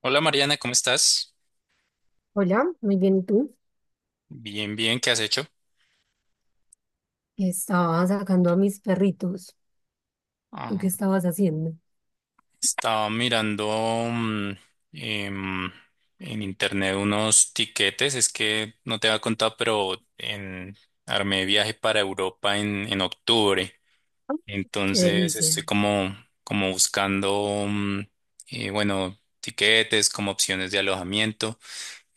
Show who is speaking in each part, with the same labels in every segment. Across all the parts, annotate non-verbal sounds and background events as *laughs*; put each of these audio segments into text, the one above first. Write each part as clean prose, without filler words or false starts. Speaker 1: Hola Mariana, ¿cómo estás?
Speaker 2: Hola, muy bien, ¿y tú?
Speaker 1: Bien, bien, ¿qué has hecho?
Speaker 2: Estaba sacando a mis perritos. ¿Tú
Speaker 1: Ah,
Speaker 2: qué estabas haciendo?
Speaker 1: estaba mirando mm, em, en internet unos tiquetes, es que no te había contado, pero armé viaje para Europa en octubre.
Speaker 2: Qué
Speaker 1: Entonces
Speaker 2: delicia.
Speaker 1: estoy como buscando, bueno, tiquetes como opciones de alojamiento.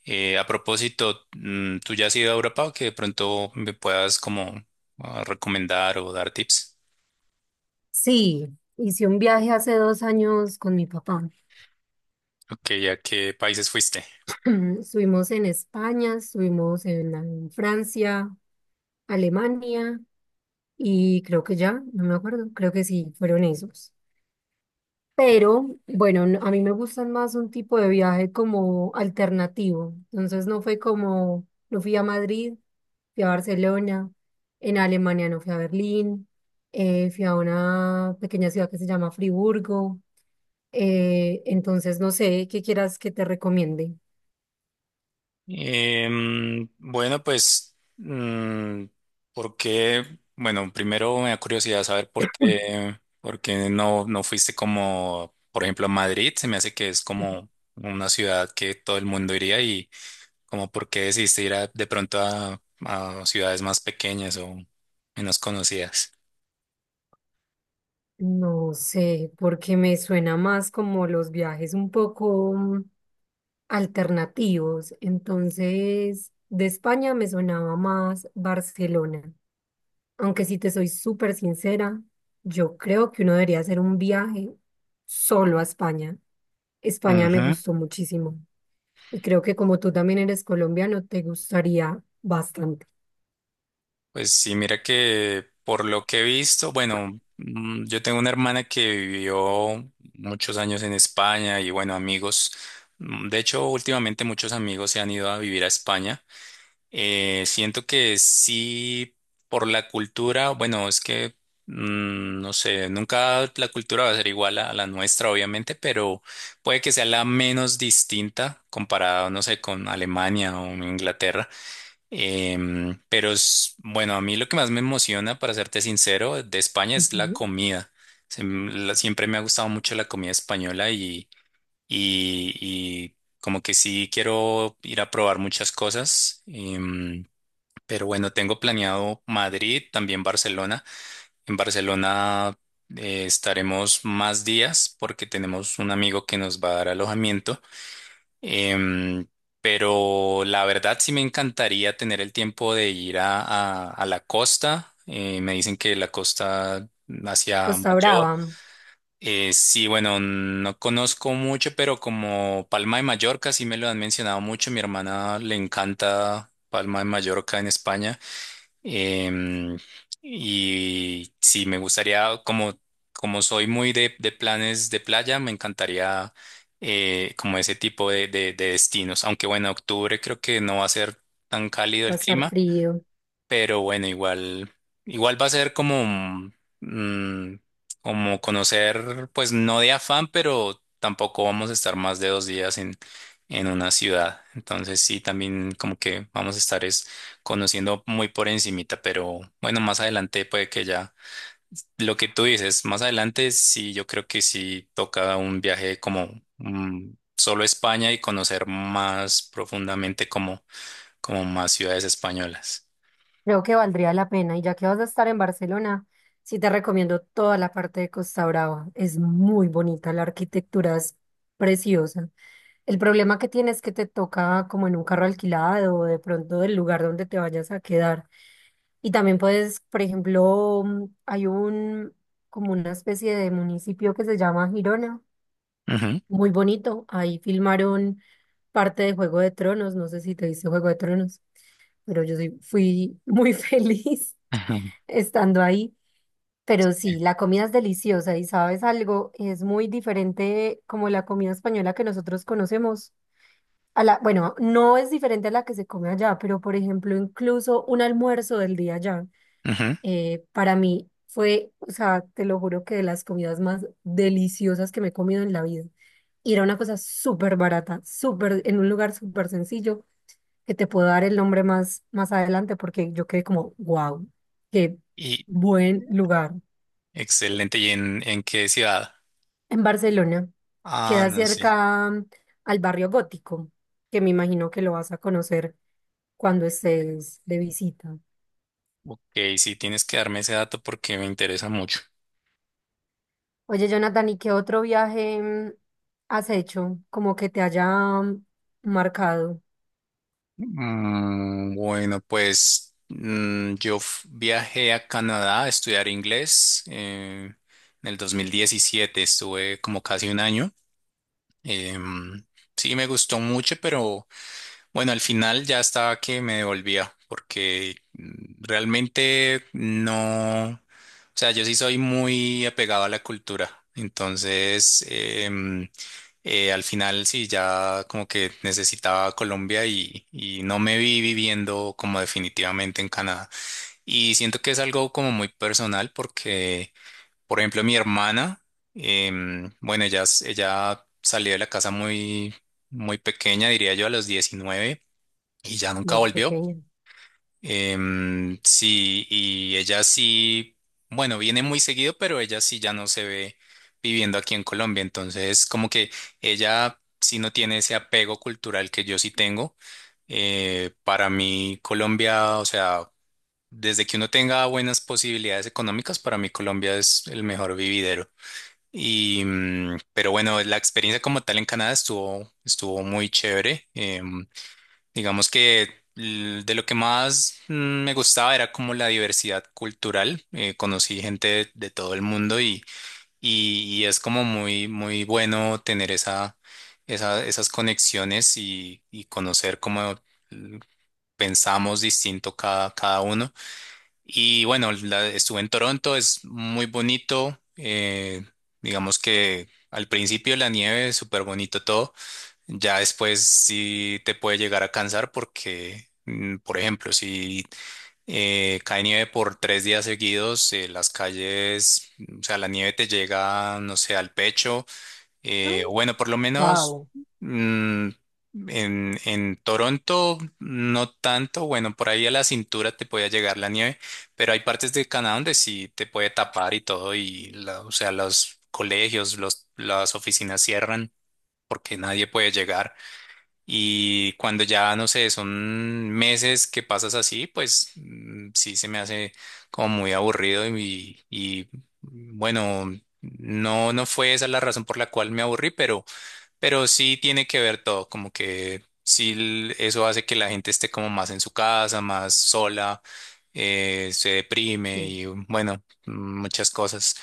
Speaker 1: A propósito, ¿tú ya has ido a Europa o que de pronto me puedas como recomendar o dar tips?
Speaker 2: Sí, hice un viaje hace 2 años con mi papá.
Speaker 1: Ok, ¿a qué países fuiste?
Speaker 2: *clears throat* Estuvimos en España, estuvimos en Francia, Alemania y creo que ya, no me acuerdo, creo que sí, fueron esos. Pero bueno, a mí me gustan más un tipo de viaje como alternativo. Entonces no fue como, no fui a Madrid, fui a Barcelona, en Alemania no fui a Berlín, fui a una pequeña ciudad que se llama Friburgo. Entonces, no sé, ¿qué quieras que te recomiende?
Speaker 1: Bueno, ¿por qué? Bueno, primero me da curiosidad saber por qué no fuiste como, por ejemplo, a Madrid. Se me hace que es como una ciudad que todo el mundo iría y como por qué decidiste de pronto a ciudades más pequeñas o menos conocidas.
Speaker 2: No sé, porque me suena más como los viajes un poco alternativos. Entonces, de España me sonaba más Barcelona. Aunque si te soy súper sincera, yo creo que uno debería hacer un viaje solo a España. España me gustó muchísimo y creo que como tú también eres colombiano, te gustaría bastante.
Speaker 1: Pues sí, mira que por lo que he visto, yo tengo una hermana que vivió muchos años en España y bueno, amigos, de hecho últimamente muchos amigos se han ido a vivir a España. Siento que sí, por la cultura, bueno, es que no sé, nunca la cultura va a ser igual a la nuestra, obviamente, pero puede que sea la menos distinta comparado, no sé, con Alemania o Inglaterra. Pero bueno, a mí lo que más me emociona, para serte sincero, de España es la
Speaker 2: Ujú.
Speaker 1: comida. Siempre me ha gustado mucho la comida española y como que sí quiero ir a probar muchas cosas. Pero bueno, tengo planeado Madrid, también Barcelona. En Barcelona estaremos más días porque tenemos un amigo que nos va a dar alojamiento. Em, pero la verdad sí me encantaría tener el tiempo de ir a la costa. Me dicen que la costa hacia
Speaker 2: Costa
Speaker 1: Mayor.
Speaker 2: Brava.
Speaker 1: Eh, sí, bueno, no conozco mucho, pero como Palma de Mallorca sí me lo han mencionado mucho. Mi hermana le encanta Palma de Mallorca en España. Em, y sí, como soy muy de planes de playa, me encantaría como ese tipo de destinos. Aunque bueno, octubre creo que no va a ser tan cálido
Speaker 2: Va a
Speaker 1: el
Speaker 2: estar
Speaker 1: clima,
Speaker 2: frío.
Speaker 1: pero bueno, igual va a ser mm, como conocer, pues no de afán, pero tampoco vamos a estar más de 2 días en una ciudad. Entonces sí, también como que vamos a estar es conociendo muy por encimita, pero bueno, más adelante puede que ya. Lo que tú dices, más adelante sí, yo creo que sí toca un viaje como solo a España y conocer más profundamente como más ciudades españolas.
Speaker 2: Creo que valdría la pena, y ya que vas a estar en Barcelona, sí te recomiendo toda la parte de Costa Brava, es muy bonita, la arquitectura es preciosa. El problema que tienes es que te toca como en un carro alquilado o de pronto del lugar donde te vayas a quedar. Y también puedes, por ejemplo, como una especie de municipio que se llama Girona,
Speaker 1: Ujú.
Speaker 2: muy bonito. Ahí filmaron parte de Juego de Tronos. No sé si te viste Juego de Tronos, pero yo sí fui muy *laughs* feliz
Speaker 1: *laughs*
Speaker 2: estando ahí. Pero sí, la comida es deliciosa, y sabes algo, es muy diferente como la comida española que nosotros conocemos. A la, bueno, no es diferente a la que se come allá, pero por ejemplo, incluso un almuerzo del día allá.
Speaker 1: Ujú.
Speaker 2: Para mí fue, o sea, te lo juro que de las comidas más deliciosas que me he comido en la vida. Y era una cosa súper barata, súper, en un lugar súper sencillo, que te puedo dar el nombre más, más adelante porque yo quedé como, wow, qué
Speaker 1: Y
Speaker 2: buen lugar.
Speaker 1: excelente. ¿Y en qué ciudad?
Speaker 2: En Barcelona,
Speaker 1: Ah,
Speaker 2: queda
Speaker 1: no sé.
Speaker 2: cerca al barrio gótico, que me imagino que lo vas a conocer cuando estés de visita.
Speaker 1: Ok, sí, tienes que darme ese dato porque me interesa mucho.
Speaker 2: Oye, Jonathan, ¿y qué otro viaje has hecho? Como que te haya mm, marcado
Speaker 1: Bueno, viajé a Canadá a estudiar inglés. Eh, en el 2017 estuve como casi un año. Em, sí, me gustó mucho, pero... Bueno, al final ya estaba que me devolvía, porque realmente no, o sea, yo sí soy muy apegado a la cultura, entonces al final sí, ya como que necesitaba Colombia y no me vi viviendo como definitivamente en Canadá. Y siento que es algo como muy personal porque, por ejemplo, mi hermana, bueno, ella salió de la casa muy pequeña, diría yo, a los 19 y ya nunca
Speaker 2: muy
Speaker 1: volvió.
Speaker 2: pequeña.
Speaker 1: Sí, y ella sí, bueno, viene muy seguido, pero ella sí ya no se ve viviendo aquí en Colombia. Entonces, como que ella sí no tiene ese apego cultural que yo sí tengo. Para mí, Colombia, o sea, desde que uno tenga buenas posibilidades económicas, para mí Colombia es el mejor vividero. Pero bueno, la experiencia como tal en Canadá estuvo muy chévere. Digamos que de lo que más me gustaba era como la diversidad cultural. Conocí gente de todo el mundo y es como muy bueno tener esas conexiones y conocer cómo mm, pensamos distinto cada uno. Y bueno, estuve en Toronto, es muy bonito. Eh, digamos que al principio la nieve, súper bonito todo. Ya después sí te puede llegar a cansar porque, por ejemplo, si cae nieve por 3 días seguidos, las calles, o sea, la nieve te llega, no sé, al pecho. Eh, o bueno, por lo menos
Speaker 2: Wow,
Speaker 1: mm, en Toronto no tanto, bueno, por ahí a la cintura te puede llegar la nieve, pero hay partes de Canadá donde sí te puede tapar y todo, y o sea, los colegios, las oficinas cierran porque nadie puede llegar. Y cuando ya, no sé, son meses que pasas así, pues sí se me hace como muy aburrido y bueno, no fue esa la razón por la cual me aburrí, pero sí tiene que ver todo, como que eso hace que la gente esté como más en su casa, más sola, se deprime
Speaker 2: sí,
Speaker 1: y bueno, muchas cosas.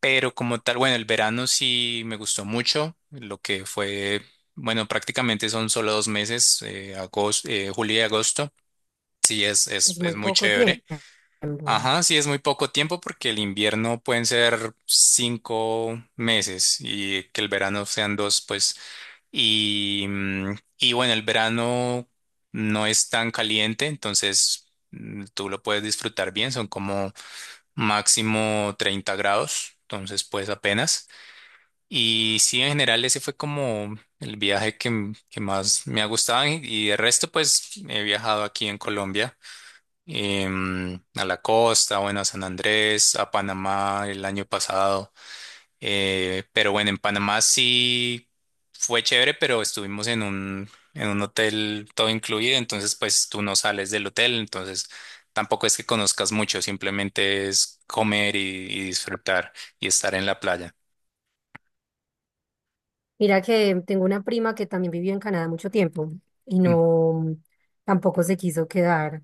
Speaker 1: Pero como tal, bueno, el verano sí me gustó mucho, lo que fue, bueno, prácticamente son solo 2 meses, julio y agosto. Sí,
Speaker 2: es
Speaker 1: es
Speaker 2: muy
Speaker 1: muy
Speaker 2: poco tiempo.
Speaker 1: chévere. Ajá, sí, es muy poco tiempo porque el invierno pueden ser 5 meses y que el verano sean dos, pues. Y bueno, el verano no es tan caliente, entonces tú lo puedes disfrutar bien, son como máximo 30 grados, entonces pues apenas. Y sí, en general ese fue como el viaje que más me ha gustado y de resto pues he viajado aquí en Colombia, a la costa, bueno, a San Andrés, a Panamá el año pasado, pero bueno, en Panamá sí fue chévere, pero estuvimos en en un hotel todo incluido, entonces pues tú no sales del hotel, entonces tampoco es que conozcas mucho, simplemente es comer y disfrutar y estar en la playa.
Speaker 2: Mira que tengo una prima que también vivió en Canadá mucho tiempo y
Speaker 1: Mm.
Speaker 2: no, tampoco se quiso quedar.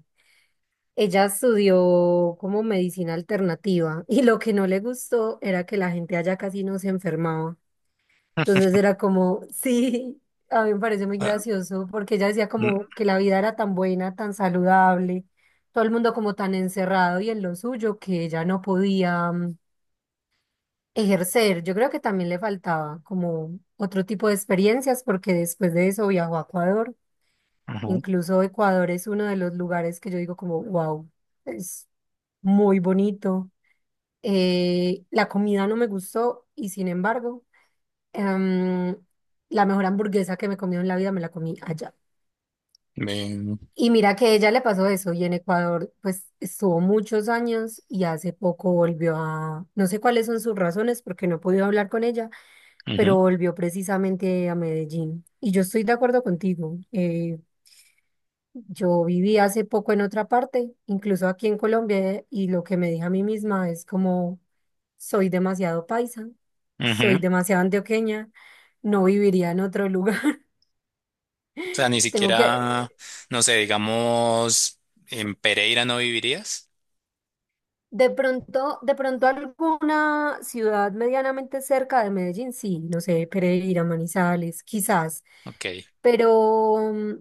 Speaker 2: Ella estudió como medicina alternativa *laughs* y lo que no le gustó era que la gente allá casi no se enfermaba. Entonces era como, *laughs* sí, a mí me parece muy
Speaker 1: Ah,
Speaker 2: gracioso porque ella decía
Speaker 1: mm,
Speaker 2: como que la vida era tan buena, tan saludable, todo el mundo como tan encerrado y en lo suyo que ella no podía ejercer. Yo creo que también le faltaba como otro tipo de experiencias porque después de eso viajó a Ecuador.
Speaker 1: ujú.
Speaker 2: Incluso Ecuador es uno de los lugares que yo digo como, wow, es muy bonito. La comida no me gustó y sin embargo... Em, la mejor hamburguesa que me comí en la vida me la comí allá.
Speaker 1: Ven,
Speaker 2: Y mira que ella le pasó eso, y en Ecuador pues estuvo muchos años y hace poco volvió a, no sé cuáles son sus razones porque no he podido hablar con ella, pero
Speaker 1: ujú,
Speaker 2: volvió precisamente a Medellín. Y yo estoy de acuerdo contigo. Yo viví hace poco en otra parte, incluso aquí en Colombia, y lo que me dije a mí misma es como soy demasiado paisa, soy
Speaker 1: ujú.
Speaker 2: demasiado antioqueña, no viviría en otro lugar.
Speaker 1: O sea, ni
Speaker 2: Tengo que,
Speaker 1: siquiera, no sé, digamos, en Pereira no vivirías.
Speaker 2: de pronto alguna ciudad medianamente cerca de Medellín, sí, no sé, Pereira, Manizales, quizás,
Speaker 1: Ok,
Speaker 2: pero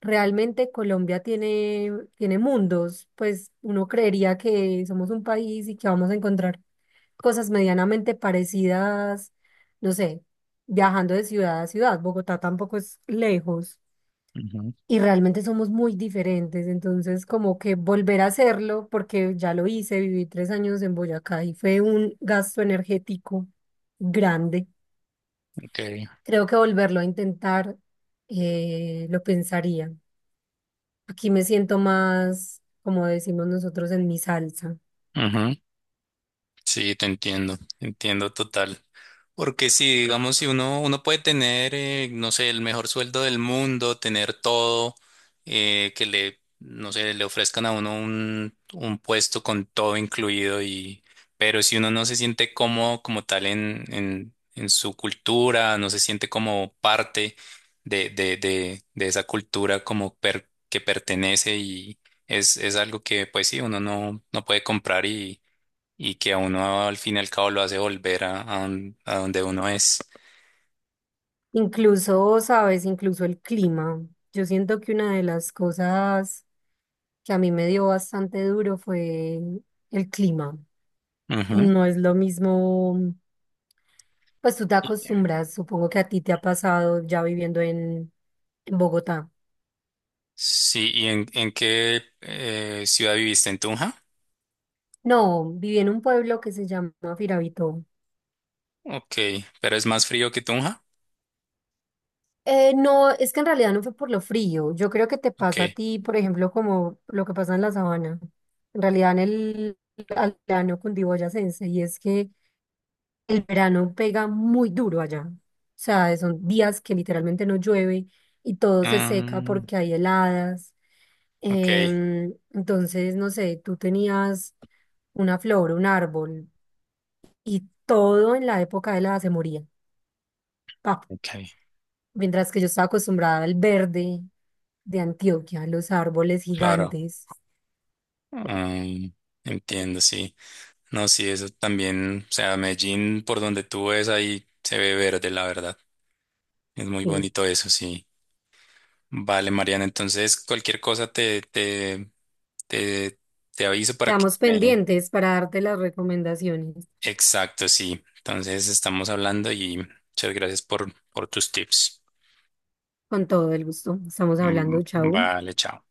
Speaker 2: realmente Colombia tiene, tiene mundos, pues uno creería que somos un país y que vamos a encontrar cosas medianamente parecidas, no sé, viajando de ciudad a ciudad. Bogotá tampoco es lejos.
Speaker 1: ujú,
Speaker 2: Y realmente somos muy diferentes, entonces como que volver a hacerlo, porque ya lo hice, viví 3 años en Boyacá y fue un gasto energético grande.
Speaker 1: ok,
Speaker 2: Creo que volverlo a intentar lo pensaría. Aquí me siento más, como decimos nosotros, en mi salsa.
Speaker 1: ujú. Sí, te entiendo total. Porque si, digamos, si uno puede tener, no sé, el mejor sueldo del mundo, tener todo, que le, no sé, le ofrezcan a uno un puesto con todo incluido y, pero si uno no se siente cómodo como tal en su cultura, no se siente como parte de esa cultura como que pertenece es algo que, pues sí, uno no, no puede comprar y que a uno al fin y al cabo lo hace volver a donde uno es.
Speaker 2: Incluso, sabes, incluso el clima. Yo siento que una de las cosas que a mí me dio bastante duro fue el clima.
Speaker 1: Ujú.
Speaker 2: No es lo mismo, pues tú te
Speaker 1: Y-
Speaker 2: acostumbras, supongo que a ti te ha pasado ya viviendo en Bogotá.
Speaker 1: Sí, ¿y en, en qué ciudad viviste? ¿En Tunja?
Speaker 2: No, viví en un pueblo que se llama Firavito.
Speaker 1: Ok, pero es más frío que Tunja.
Speaker 2: No, es que en realidad no fue por lo frío. Yo creo que te
Speaker 1: Ok.
Speaker 2: pasa a ti, por ejemplo, como lo que pasa en la sabana. En realidad en el altiplano cundiboyacense, y es que el verano pega muy duro allá. O sea, son días que literalmente no llueve y todo se seca
Speaker 1: Mm,
Speaker 2: porque hay heladas.
Speaker 1: ok,
Speaker 2: Entonces, no sé, tú tenías una flor, un árbol y todo en la época de helada se moría. Pa.
Speaker 1: ok,
Speaker 2: Mientras que yo estaba acostumbrada al verde de Antioquia, los árboles
Speaker 1: claro.
Speaker 2: gigantes.
Speaker 1: Mm, entiendo, sí. No, sí, eso también, o sea, Medellín, por donde tú ves ahí, se ve verde, la verdad. Es muy
Speaker 2: Sí.
Speaker 1: bonito eso, sí. Vale, Mariana, entonces cualquier cosa te, te aviso para que
Speaker 2: Quedamos
Speaker 1: me...
Speaker 2: pendientes para darte las recomendaciones.
Speaker 1: Exacto, sí. Entonces estamos hablando y muchas gracias por tus tips.
Speaker 2: Con todo el gusto. Estamos
Speaker 1: Mm,
Speaker 2: hablando, chau.
Speaker 1: vale, chao.